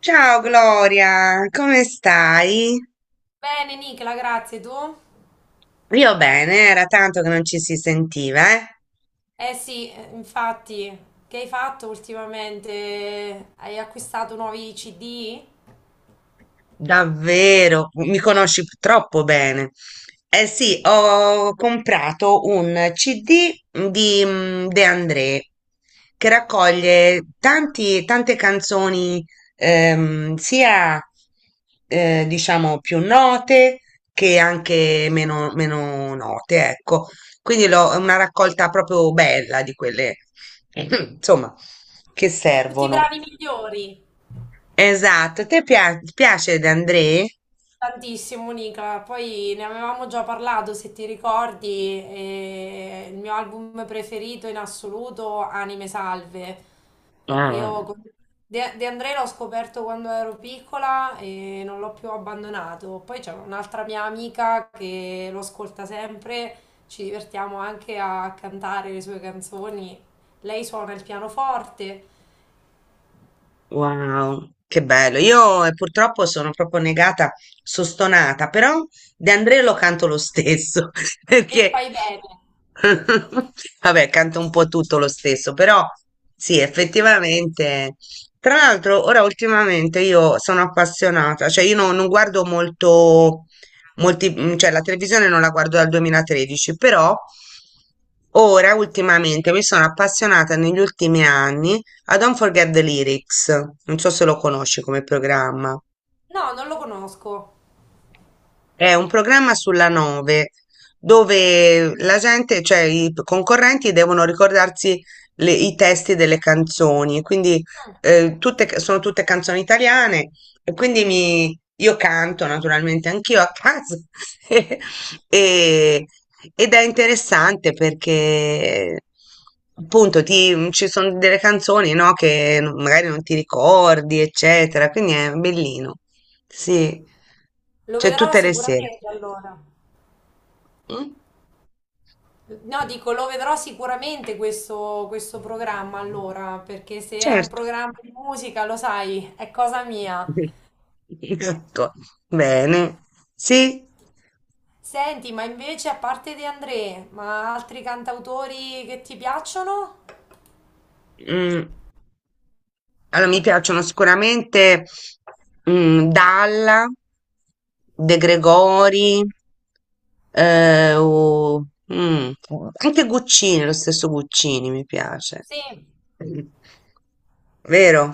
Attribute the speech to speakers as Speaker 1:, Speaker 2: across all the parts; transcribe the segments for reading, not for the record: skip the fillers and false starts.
Speaker 1: Ciao Gloria, come stai?
Speaker 2: Bene, Nicola, grazie. Tu?
Speaker 1: Io bene, era tanto che non ci si sentiva, eh?
Speaker 2: Eh sì, infatti, che hai fatto ultimamente? Hai acquistato nuovi CD?
Speaker 1: Davvero, mi conosci troppo bene. Eh sì, ho comprato un CD di De André che raccoglie tante canzoni, sia diciamo più note che anche meno note, ecco. Quindi è una raccolta proprio bella di quelle, insomma, che
Speaker 2: Tutti i
Speaker 1: servono.
Speaker 2: bravi migliori.
Speaker 1: Esatto, ti piace De André?
Speaker 2: Tantissimo, Monica. Poi ne avevamo già parlato, se ti ricordi, e il mio album preferito in assoluto, Anime Salve.
Speaker 1: Ah,
Speaker 2: Io con- De André l'ho scoperto quando ero piccola e non l'ho più abbandonato. Poi c'è un'altra mia amica che lo ascolta sempre, ci divertiamo anche a cantare le sue canzoni. Lei suona il pianoforte
Speaker 1: wow, che bello. Io purtroppo sono proprio negata, sono stonata, però De André lo canto lo stesso,
Speaker 2: e
Speaker 1: perché
Speaker 2: fai bene.
Speaker 1: vabbè, canto un po' tutto lo stesso, però sì, effettivamente. Tra l'altro, ora ultimamente io sono appassionata, cioè io non guardo molto, molti, cioè la televisione non la guardo dal 2013, però ora ultimamente mi sono appassionata negli ultimi anni a Don't Forget the Lyrics, non so se lo conosci come programma.
Speaker 2: No, non lo conosco.
Speaker 1: È un programma sulla Nove dove la gente, cioè i concorrenti devono ricordarsi i testi delle canzoni, quindi
Speaker 2: Mm.
Speaker 1: sono tutte canzoni italiane e quindi io canto naturalmente anch'io a casa. E, ed è interessante perché appunto ci sono delle canzoni, no, che magari non ti ricordi, eccetera, quindi è bellino. Sì,
Speaker 2: Lo
Speaker 1: c'è
Speaker 2: vedrò
Speaker 1: tutte le sere.
Speaker 2: sicuramente allora.
Speaker 1: Mm?
Speaker 2: No, dico, lo vedrò sicuramente questo programma allora, perché se è un
Speaker 1: Certo.
Speaker 2: programma di musica, lo sai, è cosa mia.
Speaker 1: Ecco. Bene. Sì.
Speaker 2: Senti, ma invece a parte De André, ma altri cantautori che ti piacciono?
Speaker 1: Mm. Allora, mi piacciono sicuramente Dalla, De Gregori, eh, o- mm, anche Guccini, lo stesso Guccini mi piace.
Speaker 2: Sì.
Speaker 1: Vero?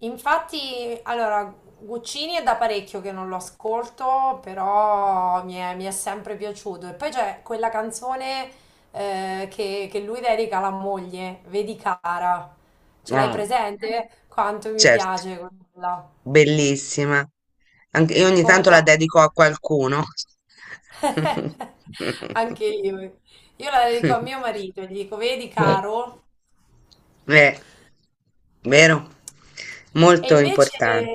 Speaker 2: Infatti, allora, Guccini è da parecchio che non lo ascolto, però mi è sempre piaciuto. E poi c'è quella canzone che lui dedica alla moglie, vedi cara, ce l'hai
Speaker 1: Ah,
Speaker 2: presente? Quanto mi
Speaker 1: certo,
Speaker 2: piace quella.
Speaker 1: bellissima. Anche, io ogni
Speaker 2: Come
Speaker 1: tanto la
Speaker 2: no?
Speaker 1: dedico a qualcuno.
Speaker 2: Anche io. Io la dedico a mio marito e gli dico, vedi
Speaker 1: Eh,
Speaker 2: caro.
Speaker 1: vero?
Speaker 2: E
Speaker 1: Molto
Speaker 2: invece,
Speaker 1: importante.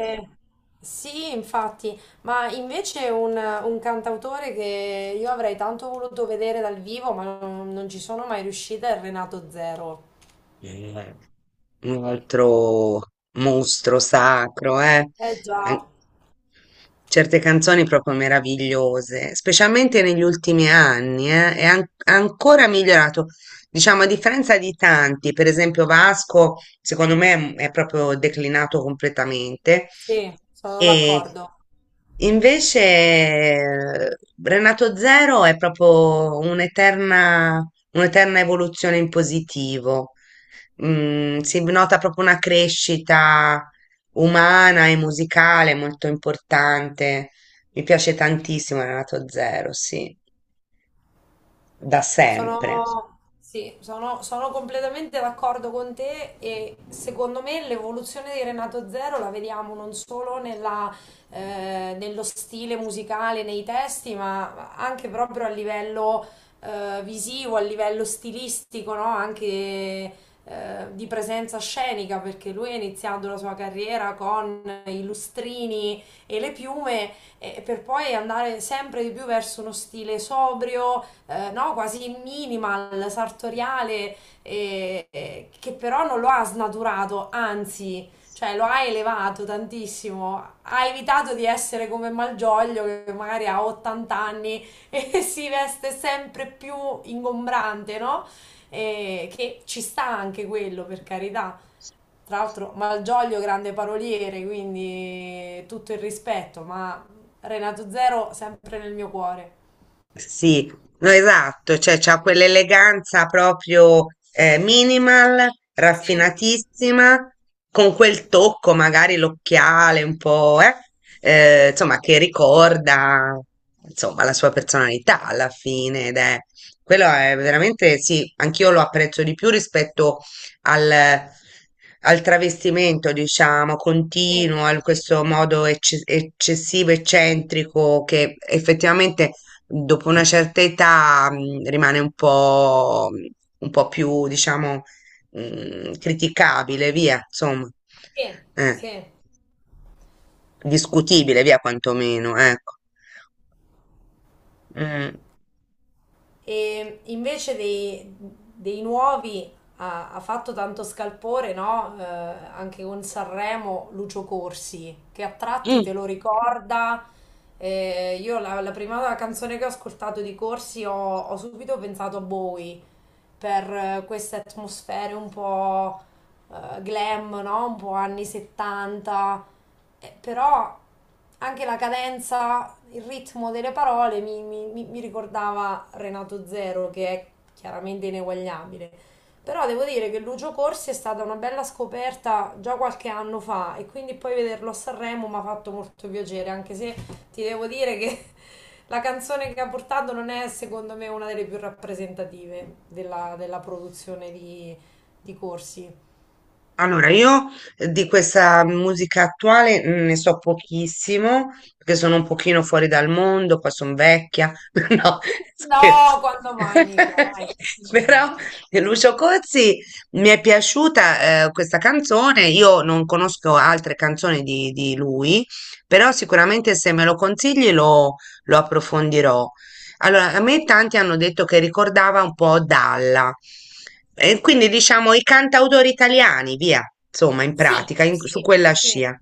Speaker 2: sì, infatti, ma invece un cantautore che io avrei tanto voluto vedere dal vivo, ma non ci sono mai riuscita, è Renato Zero.
Speaker 1: Eh, un altro mostro sacro, eh.
Speaker 2: Eh già,
Speaker 1: An- Certe canzoni proprio meravigliose, specialmente negli ultimi anni, è ancora migliorato. Diciamo, a differenza di tanti, per esempio Vasco, secondo me è proprio declinato completamente.
Speaker 2: sì, sono
Speaker 1: E
Speaker 2: d'accordo.
Speaker 1: invece Renato Zero è proprio un'eterna evoluzione in positivo. Si nota proprio una crescita umana e musicale molto importante. Mi piace tantissimo Renato Zero, sì, da sempre.
Speaker 2: Sono, sì, sono, sono completamente d'accordo con te e secondo me l'evoluzione di Renato Zero la vediamo non solo nello stile musicale, nei testi, ma anche proprio a livello visivo, a livello stilistico, no? Anche di presenza scenica, perché lui ha iniziato la sua carriera con i lustrini e le piume, e per poi andare sempre di più verso uno stile sobrio no, quasi minimal, sartoriale, che però non lo ha snaturato, anzi, cioè lo ha elevato tantissimo, ha evitato di essere come Malgioglio che magari ha 80 anni e si veste sempre più ingombrante, no? Che ci sta anche quello, per carità. Tra l'altro Malgioglio grande paroliere, quindi tutto il rispetto, ma Renato Zero sempre nel mio cuore.
Speaker 1: Sì, no, esatto, cioè c'ha quell'eleganza proprio minimal,
Speaker 2: Sì,
Speaker 1: raffinatissima, con quel tocco, magari l'occhiale un po', insomma, che ricorda, insomma, la sua personalità alla fine, ed è, quello è veramente, sì, anch'io lo apprezzo di più rispetto al, al travestimento, diciamo,
Speaker 2: sì.
Speaker 1: continuo, a questo modo eccessivo, eccentrico, che effettivamente dopo una certa età rimane un po' più, diciamo, criticabile, via, insomma,
Speaker 2: Sì,
Speaker 1: eh,
Speaker 2: sì.
Speaker 1: discutibile, via, quantomeno, ecco.
Speaker 2: E invece dei nuovi ha fatto tanto scalpore, no? Anche con Sanremo, Lucio Corsi, che a tratti te
Speaker 1: Mm.
Speaker 2: lo ricorda. La prima canzone che ho ascoltato di Corsi ho subito pensato a Bowie, per queste atmosfere un po' glam, no? Un po' anni 70. Però anche la cadenza, il ritmo delle parole mi ricordava Renato Zero, che è chiaramente ineguagliabile. Però devo dire che Lucio Corsi è stata una bella scoperta già qualche anno fa e quindi poi vederlo a Sanremo mi ha fatto molto piacere, anche se ti devo dire che la canzone che ha portato non è secondo me una delle più rappresentative della produzione di Corsi.
Speaker 1: Allora, io di questa musica attuale ne so pochissimo, perché sono un pochino fuori dal mondo, qua sono vecchia, no, scherzo.
Speaker 2: No, quando mai, Nicla, dai.
Speaker 1: Però Lucio Cozzi mi è piaciuta questa canzone, io non conosco altre canzoni di lui, però sicuramente se me lo consigli lo approfondirò. Allora, a me tanti hanno detto che ricordava un po' Dalla, e quindi diciamo i cantautori italiani, via, insomma, in
Speaker 2: Sì,
Speaker 1: pratica, su
Speaker 2: sì,
Speaker 1: quella
Speaker 2: sì,
Speaker 1: scia.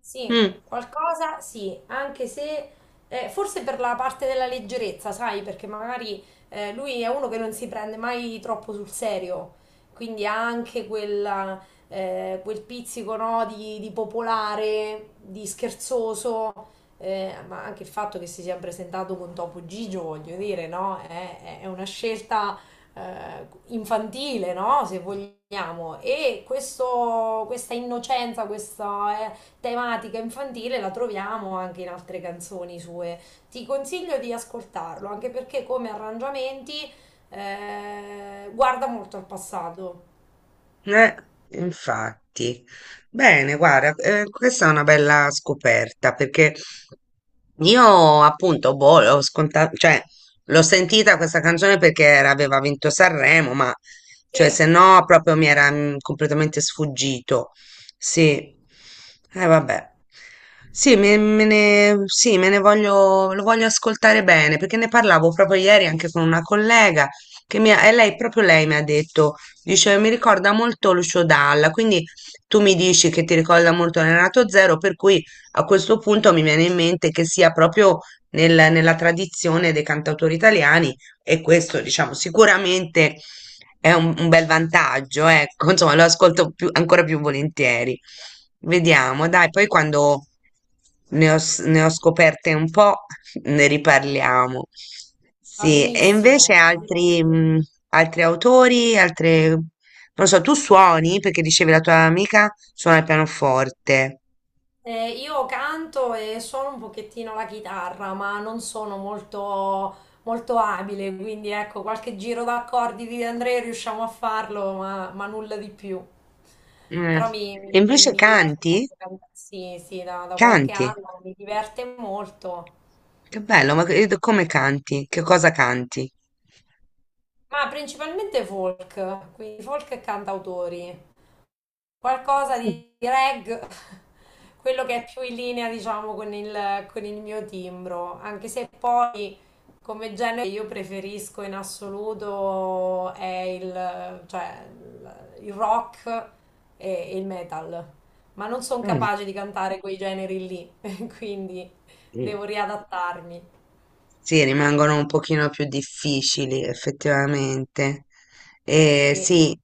Speaker 2: sì,
Speaker 1: Mm.
Speaker 2: qualcosa sì, anche se forse per la parte della leggerezza, sai, perché magari lui è uno che non si prende mai troppo sul serio, quindi ha anche quella, quel pizzico, no, di popolare, di scherzoso, ma anche il fatto che si sia presentato con Topo Gigio, voglio dire, no, è una scelta infantile, no? Se vogliamo. E questa innocenza, questa tematica infantile la troviamo anche in altre canzoni sue. Ti consiglio di ascoltarlo, anche perché come arrangiamenti guarda molto al passato.
Speaker 1: Eh, infatti. Bene, guarda, questa è una bella scoperta perché io appunto, boh, l'ho scontato, cioè, l'ho sentita questa canzone perché aveva vinto Sanremo, ma cioè,
Speaker 2: E
Speaker 1: se no proprio mi era completamente sfuggito. Sì, vabbè. Sì, me ne, sì, me ne voglio, lo voglio ascoltare bene perché ne parlavo proprio ieri anche con una collega che e lei, proprio lei mi ha detto. Dice, mi ricorda molto Lucio Dalla, quindi tu mi dici che ti ricorda molto Renato Zero, per cui a questo punto mi viene in mente che sia proprio nella tradizione dei cantautori italiani e questo, diciamo, sicuramente è un bel vantaggio, ecco, insomma, lo ascolto ancora più volentieri. Vediamo, dai, poi quando ne ho scoperte un po', ne riparliamo.
Speaker 2: va
Speaker 1: Sì, e invece
Speaker 2: benissimo. Va benissimo.
Speaker 1: altri autori, non lo so. Tu suoni perché dicevi la tua amica suona il pianoforte.
Speaker 2: Io canto e suono un pochettino la chitarra, ma non sono molto abile, quindi ecco, qualche giro d'accordi di Andrea riusciamo a farlo, ma nulla di più.
Speaker 1: Mm.
Speaker 2: Però mi,
Speaker 1: E
Speaker 2: mi-
Speaker 1: invece
Speaker 2: mi diverte
Speaker 1: canti?
Speaker 2: molto cantare, sì, sì, da qualche
Speaker 1: Canti.
Speaker 2: anno mi diverte molto.
Speaker 1: Che bello, ma come canti? Che cosa canti?
Speaker 2: Ma principalmente folk, quindi folk e cantautori. Qualcosa di reg, quello che è più in linea, diciamo, con con il mio timbro, anche se poi come genere che io preferisco in assoluto è il rock e il metal, ma non sono
Speaker 1: Mm.
Speaker 2: capace di cantare quei generi lì, quindi
Speaker 1: Mm.
Speaker 2: devo riadattarmi.
Speaker 1: Sì, rimangono un pochino più difficili effettivamente. E
Speaker 2: Sì.
Speaker 1: sì,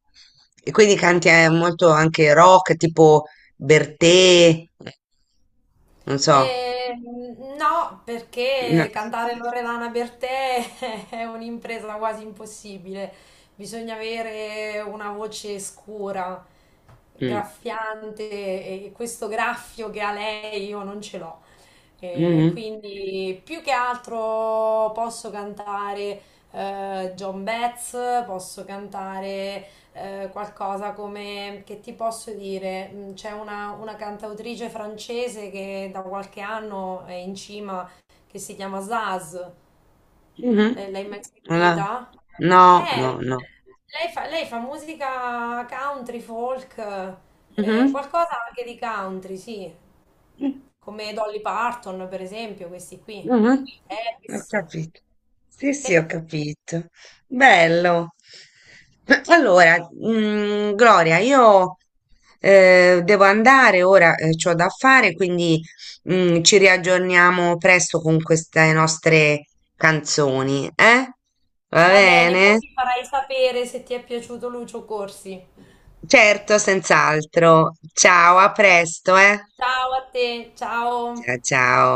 Speaker 1: e quindi canti molto anche rock, tipo Bertè, non so.
Speaker 2: E, no,
Speaker 1: No.
Speaker 2: perché cantare Loredana Bertè è un'impresa quasi impossibile. Bisogna avere una voce scura,
Speaker 1: Mm.
Speaker 2: graffiante, e questo graffio che ha lei io non ce l'ho. E
Speaker 1: Mhm.
Speaker 2: quindi più che altro posso cantare John Betts, posso cantare qualcosa come, che ti posso dire. C'è una cantautrice francese che da qualche anno è in cima, che si chiama Zaz.
Speaker 1: Mhm.
Speaker 2: L- l'hai mai
Speaker 1: Allora,
Speaker 2: sentita?
Speaker 1: no, no,
Speaker 2: Eh,
Speaker 1: no.
Speaker 2: lei fa musica country, folk, qualcosa anche di country, sì,
Speaker 1: Mhm.
Speaker 2: come Dolly Parton per esempio, questi qui.
Speaker 1: Mhm, Ho
Speaker 2: Elvis.
Speaker 1: capito. Sì, sì,
Speaker 2: Te-
Speaker 1: ho capito. Bello. Allora, Gloria, io devo andare ora, c'ho da fare, quindi ci riaggiorniamo presto con queste nostre canzoni, eh? Va
Speaker 2: Va bene, poi
Speaker 1: bene?
Speaker 2: mi farai sapere se ti è piaciuto Lucio Corsi.
Speaker 1: Certo, senz'altro. Ciao, a presto, eh?
Speaker 2: Ciao a te, ciao.
Speaker 1: Ciao, ciao.